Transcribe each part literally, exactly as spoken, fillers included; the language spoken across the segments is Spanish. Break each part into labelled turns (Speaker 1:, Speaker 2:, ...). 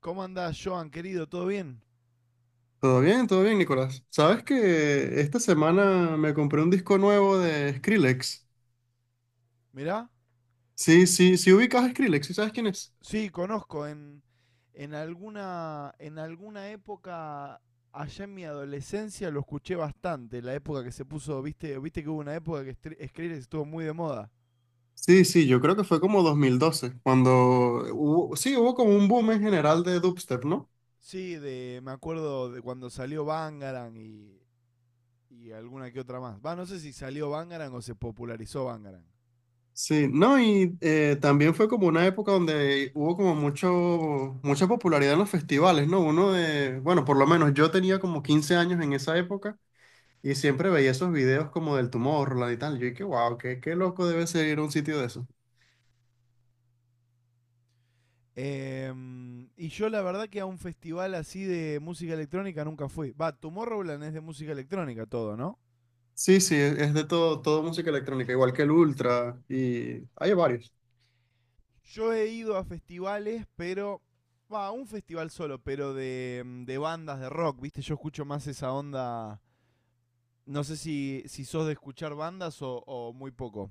Speaker 1: ¿Cómo andás, Joan, querido? ¿Todo bien?
Speaker 2: Todo bien, todo bien, Nicolás. Sabes que esta semana me compré un disco nuevo de Skrillex.
Speaker 1: Mirá.
Speaker 2: Sí, sí, ¿sí ubicas a Skrillex, sí sabes quién es?
Speaker 1: Sí, conozco. En, en, alguna, en alguna época, allá en mi adolescencia, lo escuché bastante. La época que se puso, viste, viste que hubo una época que Str- Skrillex estuvo muy de moda.
Speaker 2: Sí, sí, yo creo que fue como dos mil doce cuando hubo, sí, hubo como un boom en general de dubstep, ¿no?
Speaker 1: Sí, de, me acuerdo de cuando salió Bangarang y, y alguna que otra más. Va, no sé si salió Bangarang o se popularizó Bangarang.
Speaker 2: Sí, no, y eh, también fue como una época donde hubo como mucho, mucha popularidad en los festivales, ¿no? Uno de, bueno, por lo menos yo tenía como quince años en esa época y siempre veía esos videos como del Tomorrowland y tal. Yo dije, wow, qué, qué loco debe ser ir a un sitio de eso.
Speaker 1: Em, y yo la verdad que a un festival así de música electrónica nunca fui. Va, Tomorrowland es de música electrónica todo, ¿no?
Speaker 2: Sí, sí, es es de todo, todo música electrónica, igual que el Ultra y hay varios.
Speaker 1: Yo he ido a festivales, pero. Va, un festival solo, pero de, mm, de bandas de rock, ¿viste? Yo escucho más esa onda. No sé si, si sos de escuchar bandas o, o muy poco.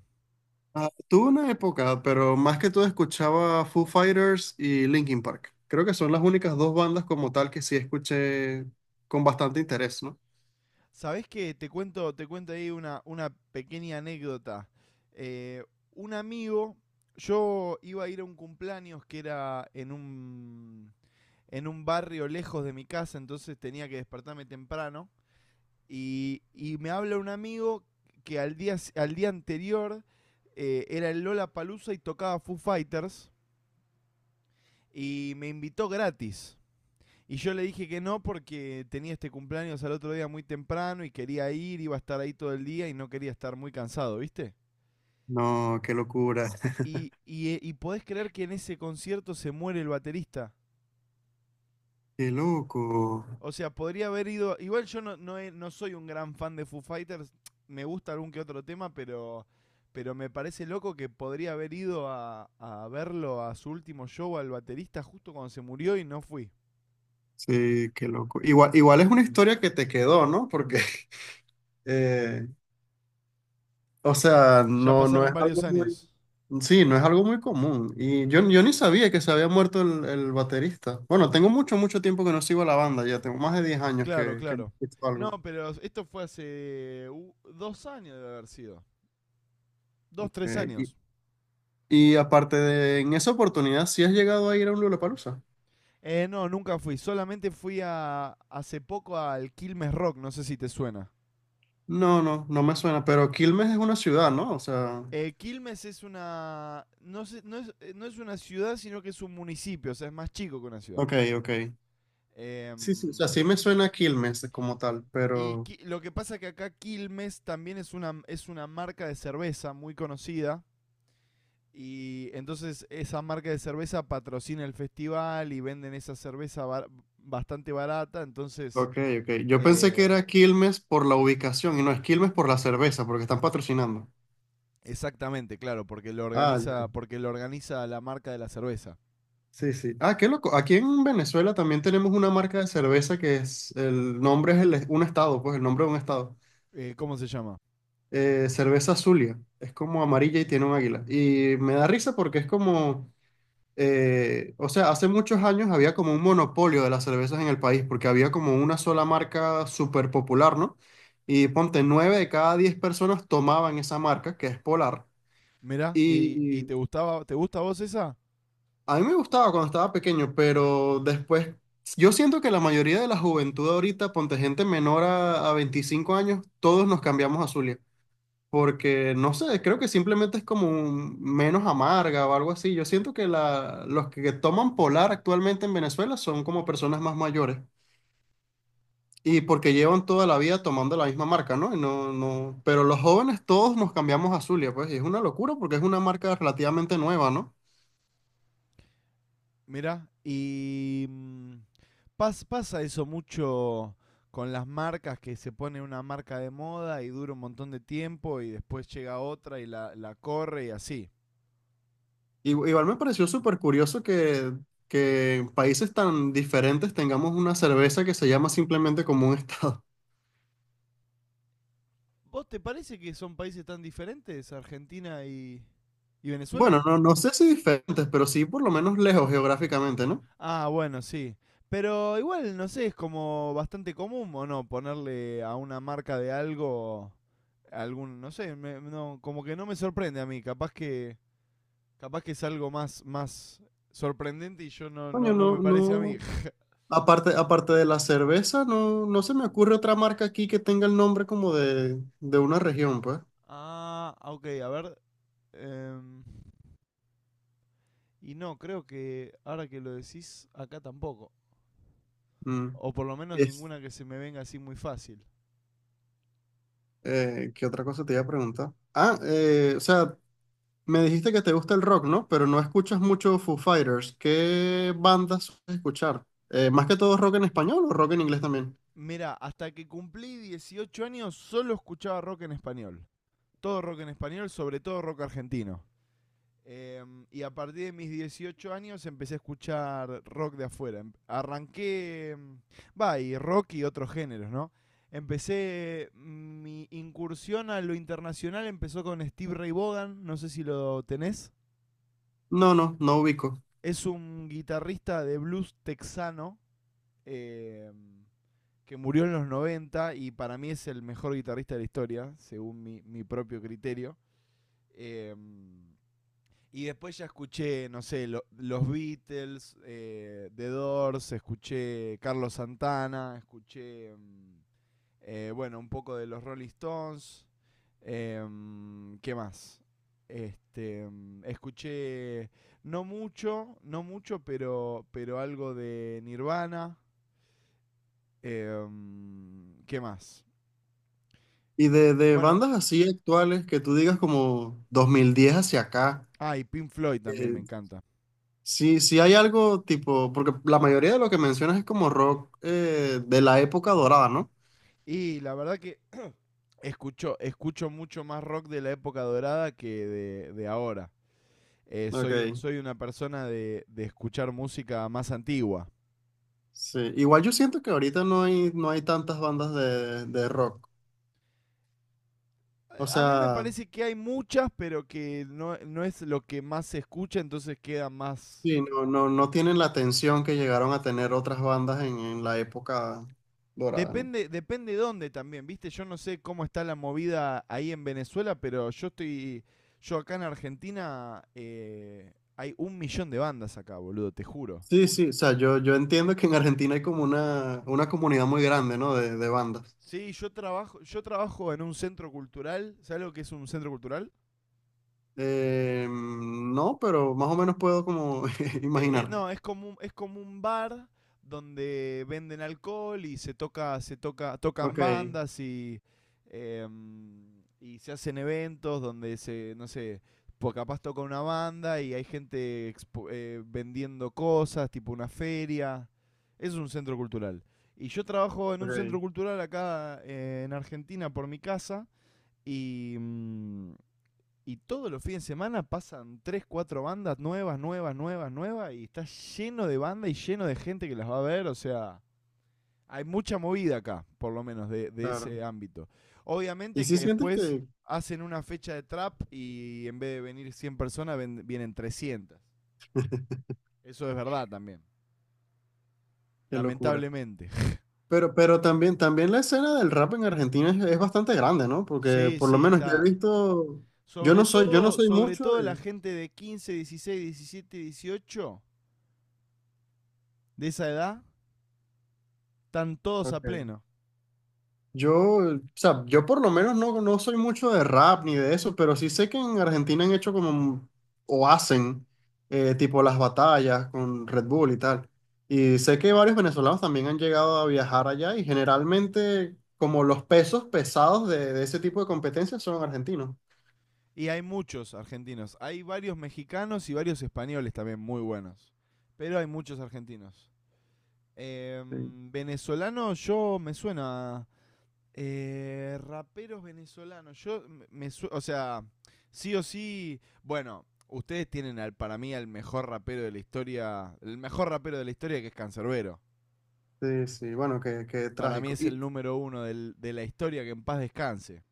Speaker 2: Ah, tuve una época, pero más que todo escuchaba Foo Fighters y Linkin Park. Creo que son las únicas dos bandas como tal que sí escuché con bastante interés, ¿no?
Speaker 1: ¿Sabés qué? Te cuento, te cuento ahí una, una pequeña anécdota. Eh, un amigo, yo iba a ir a un cumpleaños que era en un, en un barrio lejos de mi casa, entonces tenía que despertarme temprano. Y, y me habla un amigo que al día, al día anterior eh, era el Lola Palusa y tocaba Foo Fighters y me invitó gratis. Y yo le dije que no porque tenía este cumpleaños al otro día muy temprano y quería ir, iba a estar ahí todo el día y no quería estar muy cansado, ¿viste?
Speaker 2: No, qué locura.
Speaker 1: Y, y, eh, y podés creer que en ese concierto se muere el baterista.
Speaker 2: Qué loco.
Speaker 1: O sea, podría haber ido. Igual yo no, no, he- no soy un gran fan de Foo Fighters. Me gusta algún que otro tema, pero. Pero me parece loco que podría haber ido a, a verlo a su último show al baterista justo cuando se murió y no fui.
Speaker 2: Sí, qué loco. Igual, igual es una historia que te quedó, ¿no? Porque eh, o sea,
Speaker 1: Ya
Speaker 2: no, no
Speaker 1: pasaron
Speaker 2: es algo
Speaker 1: varios
Speaker 2: muy,
Speaker 1: años.
Speaker 2: sí, no es algo muy común. Y yo, yo ni sabía que se había muerto el, el baterista. Bueno, tengo mucho, mucho tiempo que no sigo a la banda, ya tengo más de diez años
Speaker 1: Claro,
Speaker 2: que, que no
Speaker 1: claro.
Speaker 2: escucho algo.
Speaker 1: No, pero esto fue hace dos años de haber sido. Dos, tres
Speaker 2: Eh, y,
Speaker 1: años.
Speaker 2: y aparte de, en esa oportunidad, ¿sí has llegado a ir a un Lollapalooza?
Speaker 1: Eh, no, nunca fui. Solamente fui a hace poco al Quilmes Rock. No sé si te suena.
Speaker 2: No, no, no me suena, pero Quilmes es una ciudad, ¿no? O sea,
Speaker 1: Eh, Quilmes es una. No, sé- no es, eh, no es una ciudad, sino que es un municipio, o sea, es más chico que una ciudad.
Speaker 2: ok, ok. Sí, sí, o sea,
Speaker 1: Em,
Speaker 2: sí me suena Quilmes como tal,
Speaker 1: y
Speaker 2: pero...
Speaker 1: Qui- lo que pasa es que acá Quilmes también es una, es una marca de cerveza muy conocida. Y entonces esa marca de cerveza patrocina el festival y venden esa cerveza bar- bastante barata. Entonces,
Speaker 2: Ok, ok. Yo pensé que
Speaker 1: eh,
Speaker 2: era Quilmes por la ubicación y no es Quilmes por la cerveza, porque están patrocinando.
Speaker 1: exactamente, claro, porque lo
Speaker 2: Ah,
Speaker 1: organiza, porque lo organiza la marca de la cerveza.
Speaker 2: sí, sí. Ah, qué loco. Aquí en Venezuela también tenemos una marca de cerveza que es, el nombre es el- un estado, pues el nombre de un estado.
Speaker 1: Eh, ¿Cómo se llama?
Speaker 2: Eh, cerveza Zulia. Es como amarilla y tiene un águila. Y me da risa porque es como, eh, o sea, hace muchos años había como un monopolio de las cervezas en el país porque había como una sola marca súper popular, ¿no? Y ponte, nueve de cada diez personas tomaban esa marca, que es Polar.
Speaker 1: Mirá, ¿y, y te gustaba, te gusta a vos esa?
Speaker 2: A mí me gustaba cuando estaba pequeño, pero después, yo siento que la mayoría de la juventud ahorita, ponte gente menor a, a veinticinco años, todos nos cambiamos a Zulia. Porque, no sé, creo que simplemente es como un- menos amarga o algo así. Yo siento que la, los que toman Polar actualmente en Venezuela son como personas más mayores. Y porque llevan toda la vida tomando la misma marca, ¿no? Y no, no... Pero los jóvenes todos nos cambiamos a Zulia, pues, y es una locura porque es una marca relativamente nueva, ¿no?
Speaker 1: Mirá, y mm, pas- pasa eso mucho con las marcas, que se pone una marca de moda y dura un montón de tiempo y después llega otra y la, la corre y así.
Speaker 2: Y- Igual me pareció súper curioso que, que en países tan diferentes tengamos una cerveza que se llama simplemente como un estado.
Speaker 1: ¿Vos te parece que son países tan diferentes, Argentina y, y Venezuela?
Speaker 2: Bueno, no, no sé si diferentes, pero sí por lo menos lejos geográficamente, ¿no?
Speaker 1: Ah, bueno, sí. Pero igual, no sé, es como bastante común o no ponerle a una marca de algo algún, no sé, me- no, como que no me sorprende a mí, capaz que... Capaz que es algo más, más sorprendente y yo no,
Speaker 2: Coño,
Speaker 1: no,
Speaker 2: no,
Speaker 1: no me
Speaker 2: no.
Speaker 1: parece a mí.
Speaker 2: Aparte, aparte de la cerveza, no, no se me ocurre otra marca aquí que tenga el nombre como de, de una región, pues.
Speaker 1: Ah, ok, a ver. em, y no, creo que ahora que lo decís, acá tampoco.
Speaker 2: Mm.
Speaker 1: O por lo menos
Speaker 2: Es,
Speaker 1: ninguna que se me venga así muy fácil.
Speaker 2: eh, ¿qué otra cosa te iba a preguntar? Ah, eh, o sea, me dijiste que te gusta el rock, ¿no? Pero no escuchas mucho Foo Fighters. ¿Qué bandas sueles escuchar? Eh, más que todo rock en español o rock en inglés también.
Speaker 1: Mira, hasta que cumplí dieciocho años solo escuchaba rock en español. Todo rock en español, sobre todo rock argentino. Em, y a partir de mis dieciocho años empecé a escuchar rock de afuera. Em- Arranqué, em, va, y rock y otros géneros, ¿no? Empecé, mi incursión a lo internacional empezó con Steve Ray Vaughan, no sé si lo tenés.
Speaker 2: No, no, no ubico.
Speaker 1: Es un guitarrista de blues texano em, que murió en los noventa y para mí es el mejor guitarrista de la historia, según mi, mi propio criterio. Em, Y después ya escuché, no sé, lo- los Beatles, eh, The Doors, escuché Carlos Santana, escuché, mm, eh, bueno, un poco de los Rolling Stones. em, ¿Qué más? Este, mm, escuché no mucho, no mucho, pero, pero algo de Nirvana. em, ¿Qué más?
Speaker 2: Y de, de
Speaker 1: Bueno,
Speaker 2: bandas así actuales que tú digas como dos mil diez hacia acá,
Speaker 1: ah, y Pink Floyd también me
Speaker 2: eh,
Speaker 1: encanta.
Speaker 2: sí, sí hay algo tipo, porque la mayoría de lo que mencionas es como rock eh, de la época dorada, ¿no?
Speaker 1: Y la verdad que escucho, escucho mucho más rock de la época dorada que de, de ahora. Eh, soy,
Speaker 2: Ok,
Speaker 1: soy una persona de, de escuchar música más antigua.
Speaker 2: sí. Igual yo siento que ahorita no hay, no hay tantas bandas de, de rock. O
Speaker 1: A mí me
Speaker 2: sea,
Speaker 1: parece que hay muchas, pero que no, no es lo que más se escucha, entonces queda más...
Speaker 2: sí, no, no, no tienen la atención que llegaron a tener otras bandas en, en la época dorada, ¿no?
Speaker 1: Depende, depende dónde también, ¿viste? Yo no sé cómo está la movida ahí en Venezuela, pero yo estoy... Yo acá en Argentina eh, hay un millón de bandas acá, boludo, te juro.
Speaker 2: Sí, sí, o sea, yo, yo entiendo que en Argentina hay como una, una comunidad muy grande, ¿no? De, de bandas.
Speaker 1: Sí, yo trabajo, yo trabajo en un centro cultural. ¿Sabes lo que es un centro cultural?
Speaker 2: Eh, no, pero más o menos puedo como
Speaker 1: Te- eh,
Speaker 2: imaginar.
Speaker 1: no, es como un, es como un bar donde venden alcohol y se toca, se toca, tocan
Speaker 2: Ok,
Speaker 1: bandas y em, y se hacen eventos donde se, no sé, pues capaz toca una banda y hay gente expo- eh, vendiendo cosas, tipo una feria. Eso es un centro cultural. Y yo trabajo en un centro
Speaker 2: ok,
Speaker 1: cultural acá eh, en Argentina por mi casa y mm, Y todos los fines de semana pasan tres cuatro bandas nuevas, nuevas, nuevas, nuevas. Y está lleno de bandas y lleno de gente que las va a ver. O sea, hay mucha movida acá, por lo menos, de, de
Speaker 2: claro.
Speaker 1: ese ámbito.
Speaker 2: Y
Speaker 1: Obviamente
Speaker 2: sí
Speaker 1: que
Speaker 2: sientes
Speaker 1: después
Speaker 2: que...
Speaker 1: hacen una fecha de trap y en vez de venir cien personas, ven- vienen trescientas. Eso es verdad también.
Speaker 2: Qué locura.
Speaker 1: Lamentablemente.
Speaker 2: Pero, pero también, también la escena del rap en Argentina es, es bastante grande, ¿no? Porque
Speaker 1: Sí,
Speaker 2: por lo
Speaker 1: sí,
Speaker 2: menos yo he
Speaker 1: está.
Speaker 2: visto, yo
Speaker 1: Sobre
Speaker 2: no soy, yo no
Speaker 1: todo,
Speaker 2: soy
Speaker 1: sobre
Speaker 2: mucho
Speaker 1: todo la
Speaker 2: de...
Speaker 1: gente de quince dieciséis diecisiete dieciocho de esa edad, están todos a
Speaker 2: Ok.
Speaker 1: pleno.
Speaker 2: Yo, o sea, yo por lo menos no, no soy mucho de rap ni de eso, pero sí sé que en Argentina han hecho como, o hacen, eh, tipo las batallas con Red Bull y tal. Y sé que varios venezolanos también han llegado a viajar allá y generalmente como los pesos pesados de, de ese tipo de competencias son argentinos.
Speaker 1: Y hay muchos argentinos. Hay varios mexicanos y varios españoles también muy buenos. Pero hay muchos argentinos. Eh,
Speaker 2: Sí,
Speaker 1: venezolano, yo me suena. Eh, raperos venezolanos. Yo me- su- O sea, sí o sí. Bueno, ustedes tienen al, para mí al mejor rapero de la historia. El mejor rapero de la historia que es Cancerbero.
Speaker 2: sí, sí, bueno, qué, qué
Speaker 1: Para mí
Speaker 2: trágico.
Speaker 1: es el
Speaker 2: Y
Speaker 1: número uno del- de la historia que en paz descanse.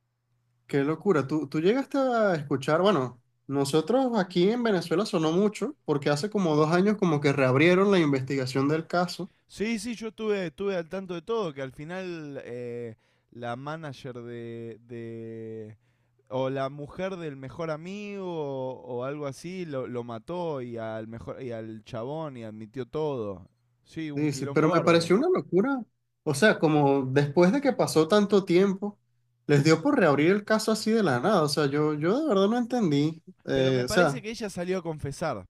Speaker 2: qué locura. ¿Tú, tú llegaste a escuchar, bueno, nosotros aquí en Venezuela sonó mucho porque hace como dos años como que reabrieron la investigación del caso?
Speaker 1: Sí, sí, yo estuve, estuve al tanto de todo, que al final eh, la manager de, de- o la mujer del mejor amigo o, o algo así lo, lo mató y al mejor y al chabón y admitió todo. Sí, un
Speaker 2: Sí, sí, pero
Speaker 1: quilombo
Speaker 2: me
Speaker 1: bárbaro.
Speaker 2: pareció una locura. O sea, como después de que pasó tanto tiempo, les dio por reabrir el caso así de la nada. O sea, yo, yo de verdad no entendí.
Speaker 1: Pero me
Speaker 2: Eh, o
Speaker 1: parece
Speaker 2: sea,
Speaker 1: que ella salió a confesar.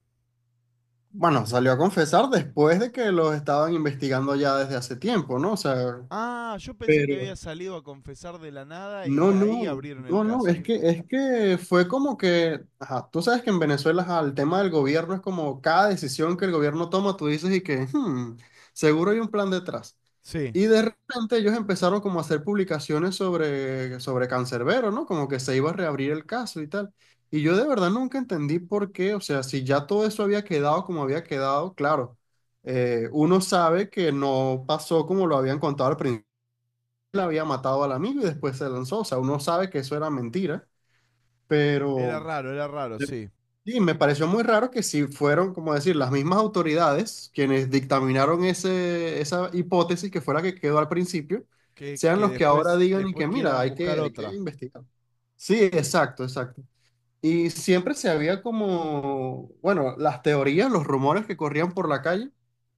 Speaker 2: bueno, salió a confesar después de que los estaban investigando ya desde hace tiempo, ¿no? O sea,
Speaker 1: Ah, yo pensé que había
Speaker 2: pero...
Speaker 1: salido a confesar de la nada y
Speaker 2: No,
Speaker 1: ahí
Speaker 2: no,
Speaker 1: abrieron el
Speaker 2: no, no, es
Speaker 1: caso.
Speaker 2: que, es que fue como que, ajá, tú sabes que en Venezuela, ajá, el tema del gobierno es como cada decisión que el gobierno toma, tú dices y que, "Hmm, seguro hay un plan detrás".
Speaker 1: Sí,
Speaker 2: Y de repente ellos empezaron como a hacer publicaciones sobre, sobre Cancerbero, ¿no? Como que se iba a reabrir el caso y tal. Y yo de verdad nunca entendí por qué, o sea, si ya todo eso había quedado como había quedado, claro, eh, uno sabe que no pasó como lo habían contado al principio, la había matado al amigo y después se lanzó. O sea, uno sabe que eso era mentira,
Speaker 1: era
Speaker 2: pero
Speaker 1: raro, era raro, sí.
Speaker 2: sí, me pareció muy raro que si fueron, como decir, las mismas autoridades quienes dictaminaron ese, esa hipótesis que fue la que quedó al principio,
Speaker 1: Que,
Speaker 2: sean
Speaker 1: que
Speaker 2: los que ahora
Speaker 1: después,
Speaker 2: digan y
Speaker 1: después
Speaker 2: que, mira,
Speaker 1: quieran
Speaker 2: hay
Speaker 1: buscar
Speaker 2: que, hay que
Speaker 1: otra.
Speaker 2: investigar. Sí, exacto, exacto. Y siempre se había como, bueno, las teorías, los rumores que corrían por la calle,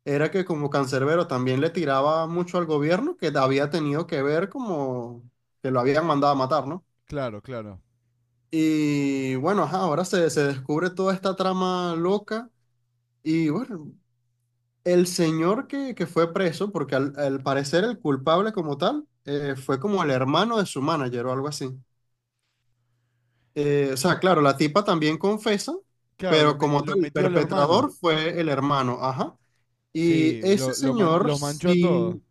Speaker 2: era que como Cancerbero también le tiraba mucho al gobierno, que había tenido que ver como que lo habían mandado a matar, ¿no?
Speaker 1: Claro, claro.
Speaker 2: Y bueno, ajá, ahora se, se descubre toda esta trama loca y bueno, el señor que, que fue preso, porque al, al parecer el culpable como tal, eh, fue como el hermano de su manager o algo así. Eh, o sea, claro, la tipa también confesa,
Speaker 1: Claro, lo,
Speaker 2: pero
Speaker 1: met-
Speaker 2: como tal,
Speaker 1: lo
Speaker 2: el
Speaker 1: metió al hermano.
Speaker 2: perpetrador fue el hermano, ajá. Y
Speaker 1: Sí,
Speaker 2: ese
Speaker 1: lo, lo man-
Speaker 2: señor
Speaker 1: los manchó a todos.
Speaker 2: sí,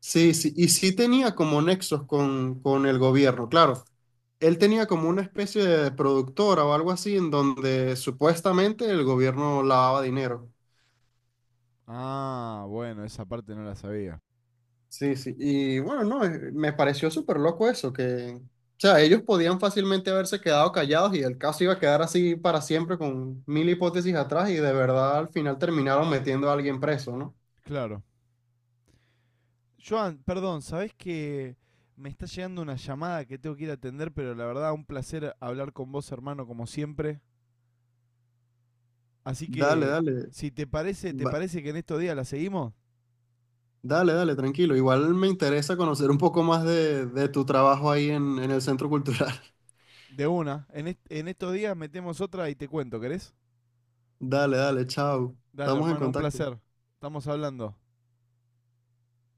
Speaker 2: sí, sí, y sí tenía como nexos con, con el gobierno, claro. Él tenía como una especie de productora o algo así en donde supuestamente el gobierno lavaba dinero.
Speaker 1: Ah, bueno, esa parte no la sabía.
Speaker 2: Sí, sí. Y bueno, no, eh, me pareció súper loco eso, que, o sea, ellos podían fácilmente haberse quedado callados y el caso iba a quedar así para siempre con mil hipótesis atrás y de verdad al final terminaron metiendo a alguien preso, ¿no?
Speaker 1: Claro. Joan, perdón, ¿sabés que me está llegando una llamada que tengo que ir a atender, pero la verdad, un placer hablar con vos, hermano, como siempre. Así
Speaker 2: Dale,
Speaker 1: que,
Speaker 2: dale,
Speaker 1: si te parece, ¿te
Speaker 2: va-
Speaker 1: parece que en estos días la seguimos?
Speaker 2: dale, dale, tranquilo. Igual me interesa conocer un poco más de, de tu trabajo ahí en, en el Centro Cultural.
Speaker 1: De una. En, est- en estos días metemos otra y te cuento, ¿querés?
Speaker 2: Dale, dale, chao.
Speaker 1: Dale,
Speaker 2: Estamos en
Speaker 1: hermano, un
Speaker 2: contacto.
Speaker 1: placer. Estamos hablando.